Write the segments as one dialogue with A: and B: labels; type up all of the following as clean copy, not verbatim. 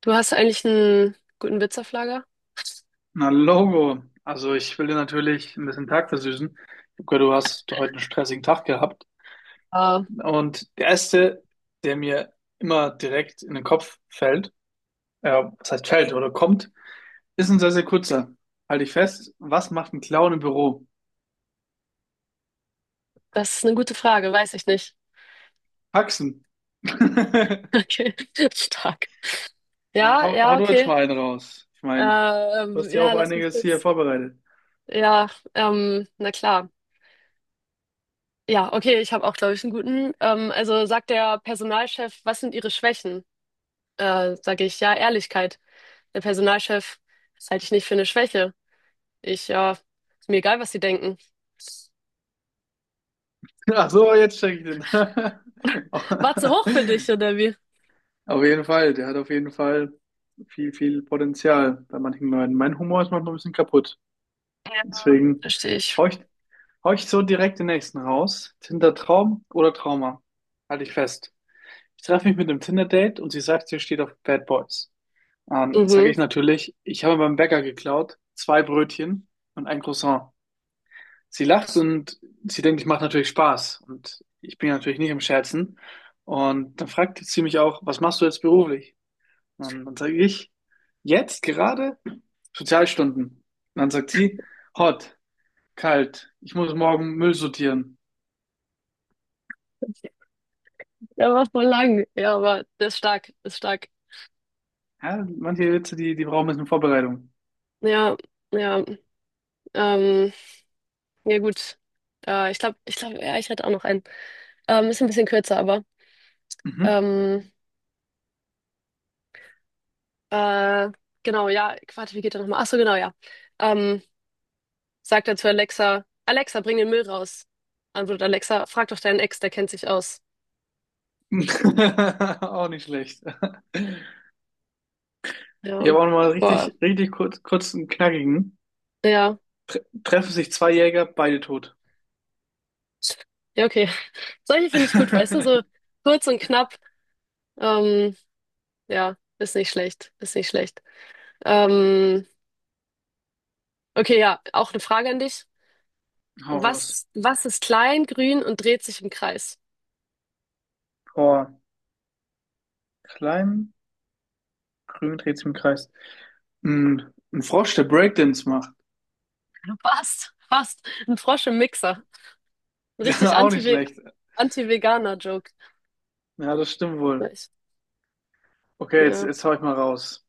A: Du hast eigentlich einen guten Witz auf Lager?
B: Na logo, also ich will dir natürlich ein bisschen Tag versüßen. Ich habe gehört, du hast heute einen stressigen Tag gehabt.
A: Ah,
B: Und der erste, der mir immer direkt in den Kopf fällt, ja, was heißt fällt oder kommt, ist ein sehr, sehr kurzer. Halte ich fest, was macht ein Clown im Büro?
A: Das ist eine gute Frage, weiß ich nicht.
B: Paxen.
A: Okay, stark. Ja,
B: Hau
A: ja,
B: du jetzt
A: okay.
B: mal einen raus. Ich meine, du hast ja
A: Ja,
B: auch
A: lass mich
B: einiges hier
A: kurz.
B: vorbereitet.
A: Ja, na klar. Ja, okay, ich habe auch, glaube ich, einen guten. Also sagt der Personalchef, was sind Ihre Schwächen? Sage ich, ja, Ehrlichkeit. Der Personalchef, das halte ich nicht für eine Schwäche. Ich, ja, ist mir egal, was Sie denken.
B: Ach so, jetzt check ich den.
A: War zu hoch für dich, oder wie?
B: Auf jeden Fall, der hat auf jeden Fall viel, viel Potenzial bei manchen Leuten. Mein Humor ist manchmal ein bisschen kaputt.
A: Ja,
B: Deswegen
A: verstehe ich.
B: hau ich, hau ich so direkt den nächsten raus. Tinder, Traum oder Trauma? Halte ich fest. Ich treffe mich mit einem Tinder-Date und sie sagt, sie steht auf Bad Boys. Sage ich
A: Mhm.
B: natürlich, ich habe beim Bäcker geklaut, zwei Brötchen und ein Croissant. Sie lacht und sie denkt, ich mache natürlich Spaß. Und ich bin ja natürlich nicht im Scherzen. Und dann fragt sie mich auch, was machst du jetzt beruflich? Und dann sage ich, jetzt gerade Sozialstunden. Und dann sagt sie, hot, kalt, ich muss morgen Müll sortieren.
A: Der war voll lang. Ja, aber der ist stark, ist stark.
B: Ja, manche Witze, die brauchen ein bisschen Vorbereitung.
A: Ja, ja, ähm, ja gut. Ich glaube, ja, ich hätte auch noch einen. Ist ein bisschen kürzer, aber
B: Mhm.
A: ähm, äh, genau, ja, warte, wie geht der nochmal? Ach so, genau, ja. Ähm, Sagt er zu Alexa, Alexa, bring den Müll raus. Antwortet Alexa, frag doch deinen Ex, der kennt sich aus.
B: Auch nicht schlecht.
A: Ja,
B: Ich habe auch nochmal
A: boah,
B: richtig, richtig kurz einen knackigen.
A: ja,
B: Treffen sich zwei Jäger, beide tot.
A: ja, okay. Solche finde ich gut, weißt du, so kurz und knapp. Ähm, ja, ist nicht schlecht, ist nicht schlecht. Ähm, Okay, ja, auch eine Frage an dich.
B: Hau raus.
A: Was ist klein, grün und dreht sich im Kreis?
B: Oh, klein, grün dreht sich im Kreis. Ein Frosch, der Breakdance macht.
A: Fast, fast. Ein Frosch im Mixer. Ein richtig
B: Auch nicht
A: Anti-Ve-
B: schlecht.
A: Anti-Veganer-Joke.
B: Ja, das stimmt wohl.
A: Ich-
B: Okay, jetzt,
A: Ja,
B: jetzt hau ich mal raus.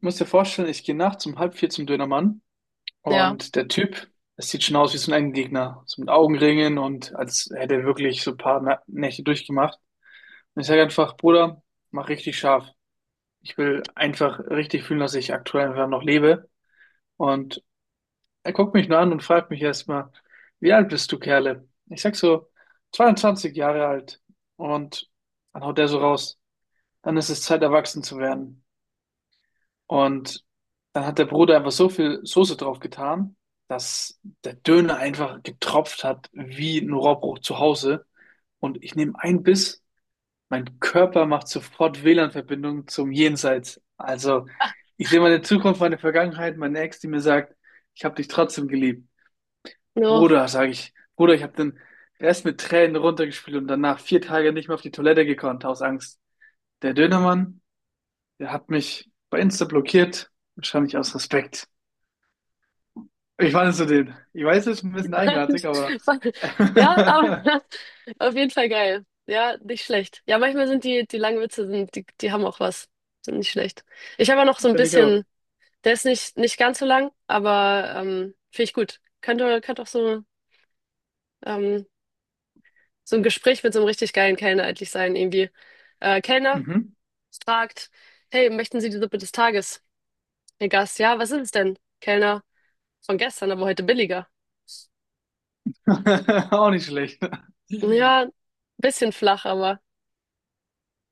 B: Du musst dir vorstellen, ich gehe nachts um halb vier zum Dönermann
A: ja.
B: und der Typ, das sieht schon aus wie so ein Endgegner. So mit Augenringen und als hätte er wirklich so ein paar Nächte durchgemacht. Und ich sage einfach, Bruder, mach richtig scharf. Ich will einfach richtig fühlen, dass ich aktuell einfach noch lebe. Und er guckt mich nur an und fragt mich erstmal, wie alt bist du, Kerle? Ich sag so, 22 Jahre alt. Und dann haut der so raus, dann ist es Zeit, erwachsen zu werden. Und dann hat der Bruder einfach so viel Soße drauf getan, dass der Döner einfach getropft hat wie ein Rohrbruch zu Hause. Und ich nehme einen Biss, mein Körper macht sofort WLAN-Verbindung zum Jenseits. Also ich sehe meine Zukunft, meine Vergangenheit, meine Ex, die mir sagt, ich habe dich trotzdem geliebt.
A: No.
B: Bruder, sage ich, Bruder, ich habe den Rest mit Tränen runtergespielt und danach 4 Tage nicht mehr auf die Toilette gekonnt, aus Angst. Der Dönermann, der hat mich bei Insta blockiert, wahrscheinlich aus Respekt. Wie fandest du den? Ich weiß, es ist ein bisschen eigenartig, aber
A: Ja,
B: finde
A: aber auf jeden Fall geil. Ja, nicht schlecht. Ja, manchmal sind die langen Witze, sind, die haben auch was. Sind nicht schlecht. Ich habe ja noch so ein
B: ich auch.
A: bisschen, der ist nicht ganz so lang, aber finde ich gut. Könnte auch so ähm, so ein Gespräch mit so einem richtig geilen Kellner eigentlich sein, irgendwie. Kellner
B: Mhm.
A: fragt, hey, möchten Sie die Suppe des Tages? Der Gast, ja, was ist es denn? Kellner, von gestern, aber heute billiger.
B: Auch nicht schlecht.
A: Ja, bisschen flach, aber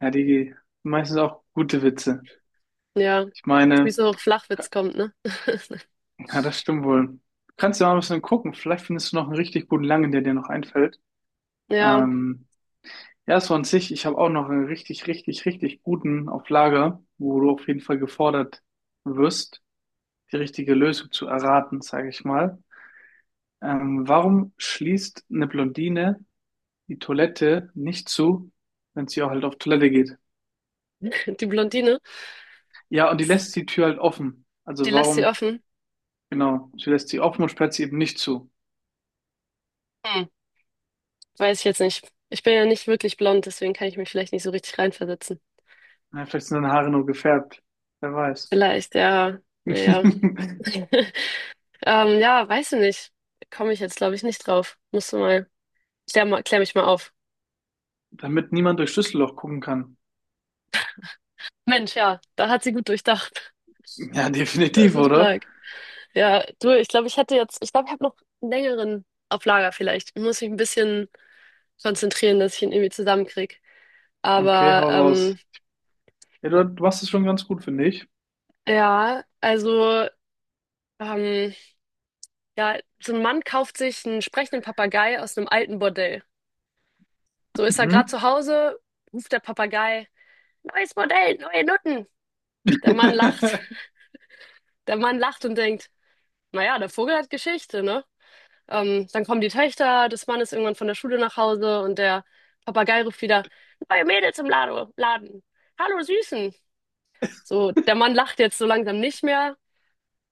B: Ja, die meistens auch gute Witze.
A: ja,
B: Ich
A: wie
B: meine,
A: so Flachwitz kommt, ne?
B: ja, das stimmt wohl. Kannst du mal ein bisschen gucken. Vielleicht findest du noch einen richtig guten Langen, der dir noch einfällt.
A: Ja,
B: Ähm, ja, so an sich, ich habe auch noch einen richtig, richtig, richtig guten auf Lager, wo du auf jeden Fall gefordert wirst, die richtige Lösung zu erraten, sage ich mal. Warum schließt eine Blondine die Toilette nicht zu, wenn sie auch halt auf Toilette geht.
A: die Blondine,
B: Ja, und die lässt die Tür halt offen.
A: die
B: Also
A: lässt sie
B: warum,
A: offen.
B: genau, sie lässt sie offen und sperrt sie eben nicht zu.
A: Hm, weiß ich jetzt nicht. Ich bin ja nicht wirklich blond, deswegen kann ich mich vielleicht nicht so richtig reinversetzen.
B: Na, vielleicht sind deine Haare nur gefärbt. Wer weiß.
A: Vielleicht, ja, naja. Ja, weiß ich nicht. Komme ich jetzt, glaube ich, nicht drauf. Musst du mal. Klär mal, klär mich mal auf.
B: Damit niemand durch Schlüsselloch gucken kann.
A: Mensch, ja, da hat sie gut durchdacht.
B: Ja,
A: Das
B: definitiv,
A: ist
B: oder?
A: stark. Ja, du, ich glaube, ich hätte jetzt, ich glaube, ich habe noch einen längeren auf Lager vielleicht. Ich muss mich ein bisschen konzentrieren, dass ich ihn irgendwie zusammenkrieg.
B: Okay,
A: Aber
B: hau raus. Ja, du machst es schon ganz gut, finde ich.
A: ja, also ähm, ja, so ein Mann kauft sich einen sprechenden Papagei aus einem alten Bordell. So ist er gerade
B: Mhm.
A: zu Hause, ruft der Papagei, neues Bordell, neue Nutten. Der Mann lacht. Der Mann lacht und denkt, naja, der Vogel hat Geschichte, ne? Dann kommen die Töchter des Mannes irgendwann von der Schule nach Hause und der Papagei ruft wieder, neue Mädels im Lado Laden. Hallo Süßen. So, der Mann lacht jetzt so langsam nicht mehr,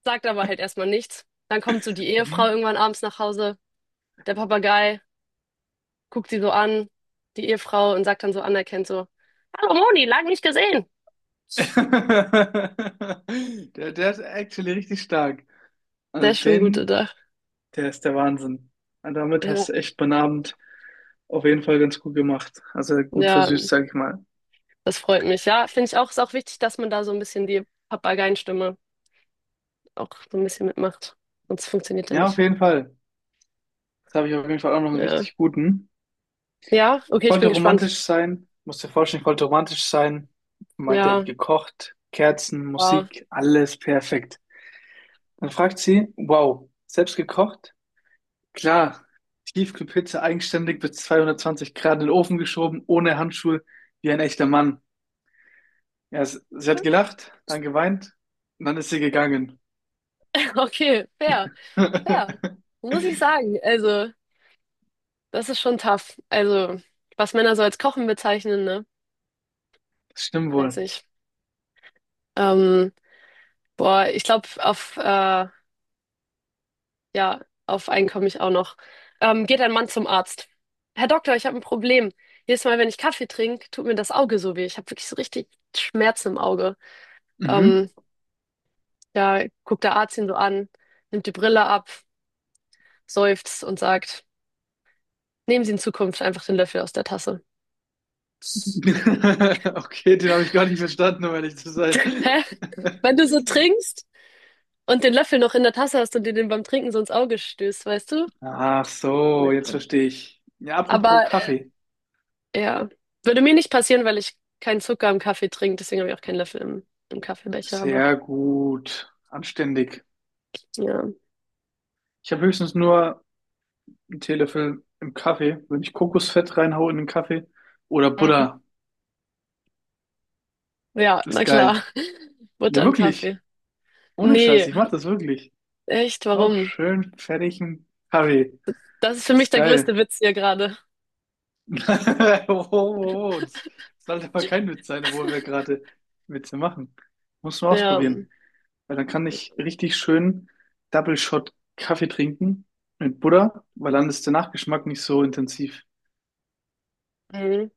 A: sagt aber halt erstmal nichts. Dann kommt so die Ehefrau
B: Mhm.
A: irgendwann abends nach Hause. Der Papagei guckt sie so an, die Ehefrau, und sagt dann so anerkennt so, Hallo Moni, lang nicht gesehen.
B: Der ist actually richtig stark. Also
A: Sehr schön gut
B: den.
A: gedacht.
B: Der ist der Wahnsinn. Und damit hast
A: Ja,
B: du echt meinen Abend auf jeden Fall ganz gut gemacht. Also gut
A: ja,
B: versüßt, sag ich mal.
A: das freut mich. Ja, finde ich auch, ist auch wichtig, dass man da so ein bisschen die Papageienstimme auch so ein bisschen mitmacht. Sonst funktioniert er
B: Ja, auf
A: nicht.
B: jeden Fall. Jetzt habe ich auf jeden Fall auch noch einen
A: Ja.
B: richtig guten.
A: Ja, okay,
B: Ich
A: ich
B: wollte
A: bin gespannt.
B: romantisch sein. Musst dir vorstellen, ich wollte romantisch sein. Für mein Date
A: Ja,
B: gekocht, Kerzen,
A: wow.
B: Musik, alles perfekt. Dann fragt sie, wow, selbst gekocht? Klar, Tiefkühlpizza eigenständig bis 220 Grad in den Ofen geschoben, ohne Handschuhe, wie ein echter Mann. Ja, es, sie hat gelacht, dann geweint und dann ist sie gegangen.
A: Okay, fair, fair. Muss ich sagen. Also, das ist schon tough. Also, was Männer so als Kochen bezeichnen, ne?
B: Das stimmt
A: Weiß
B: wohl.
A: ich. Ähm, ich glaube, ja, auf einen komme ich auch noch. Geht ein Mann zum Arzt. Herr Doktor, ich habe ein Problem. Jedes Mal, wenn ich Kaffee trinke, tut mir das Auge so weh. Ich habe wirklich so richtig Schmerzen im Auge.
B: Mhm.
A: Ähm, ja, guckt der Arzt ihn so an, nimmt die Brille ab, seufzt und sagt. Nehmen Sie in Zukunft einfach den Löffel aus der Tasse.
B: Okay, den habe ich gar nicht verstanden, um ehrlich zu sein.
A: Hä? Wenn du so trinkst und den Löffel noch in der Tasse hast und dir den beim Trinken so ins Auge stößt, weißt du?
B: Ach so, jetzt
A: Ja.
B: verstehe ich. Ja, apropos
A: Aber
B: Kaffee.
A: ja, würde mir nicht passieren, weil ich keinen Zucker im Kaffee trinke, deswegen habe ich auch keinen Löffel im, im Kaffeebecher, aber
B: Sehr gut. Anständig.
A: ja.
B: Ich habe höchstens nur einen Teelöffel im Kaffee. Wenn ich Kokosfett reinhaue in den Kaffee oder
A: Mhm.
B: Butter,
A: Ja,
B: das ist
A: na klar.
B: geil. Ja,
A: Butter und
B: wirklich.
A: Kaffee.
B: Ohne Scheiß,
A: Nee,
B: ich mache das wirklich.
A: echt,
B: Auch
A: warum?
B: schön fertigen Kaffee.
A: Das ist für mich
B: Ist
A: der größte
B: geil.
A: Witz hier gerade.
B: Oh, oh, oh, das sollte mal kein Witz sein, obwohl wir gerade Witze machen. Muss man
A: Ja.
B: ausprobieren. Weil dann kann ich richtig schön Double Shot Kaffee trinken mit Butter, weil dann ist der Nachgeschmack nicht so intensiv.
A: Mhm.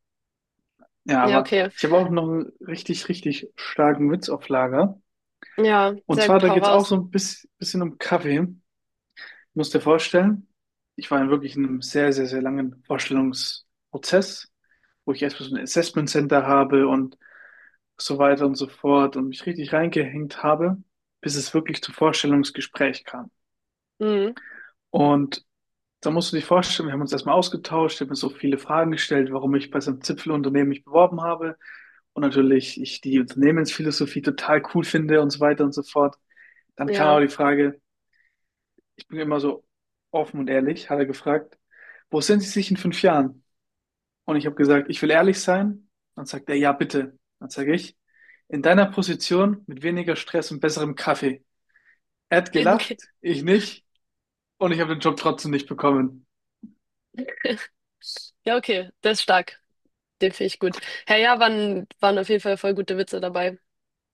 B: Ja,
A: Ja,
B: aber
A: okay.
B: ich habe auch noch einen richtig, richtig starken Witz auf Lager.
A: Ja,
B: Und
A: sehr
B: zwar,
A: gut,
B: da
A: hau
B: geht es auch
A: raus.
B: so ein bisschen um Kaffee. Du musst dir vorstellen, ich war in wirklich einem sehr, sehr, sehr langen Vorstellungsprozess, wo ich erstmal so ein Assessment Center habe und so weiter und so fort und mich richtig reingehängt habe, bis es wirklich zum Vorstellungsgespräch kam.
A: Mhm.
B: Und da musst du dir vorstellen, wir haben uns erstmal ausgetauscht, ich habe mir so viele Fragen gestellt, warum ich bei so einem Zipfelunternehmen mich beworben habe und natürlich ich die Unternehmensphilosophie total cool finde und so weiter und so fort. Dann kam
A: Ja.
B: aber die Frage, ich bin immer so offen und ehrlich, hat er gefragt, wo sehen Sie sich in 5 Jahren? Und ich habe gesagt, ich will ehrlich sein. Dann sagt er, ja, bitte. Dann sage ich, in deiner Position mit weniger Stress und besserem Kaffee. Er hat
A: Ja,
B: gelacht,
A: okay.
B: ich nicht. Und ich habe den Job trotzdem nicht bekommen.
A: Ja, okay, das ist stark. Den finde ich gut. Herr ja, waren, waren auf jeden Fall voll gute Witze dabei.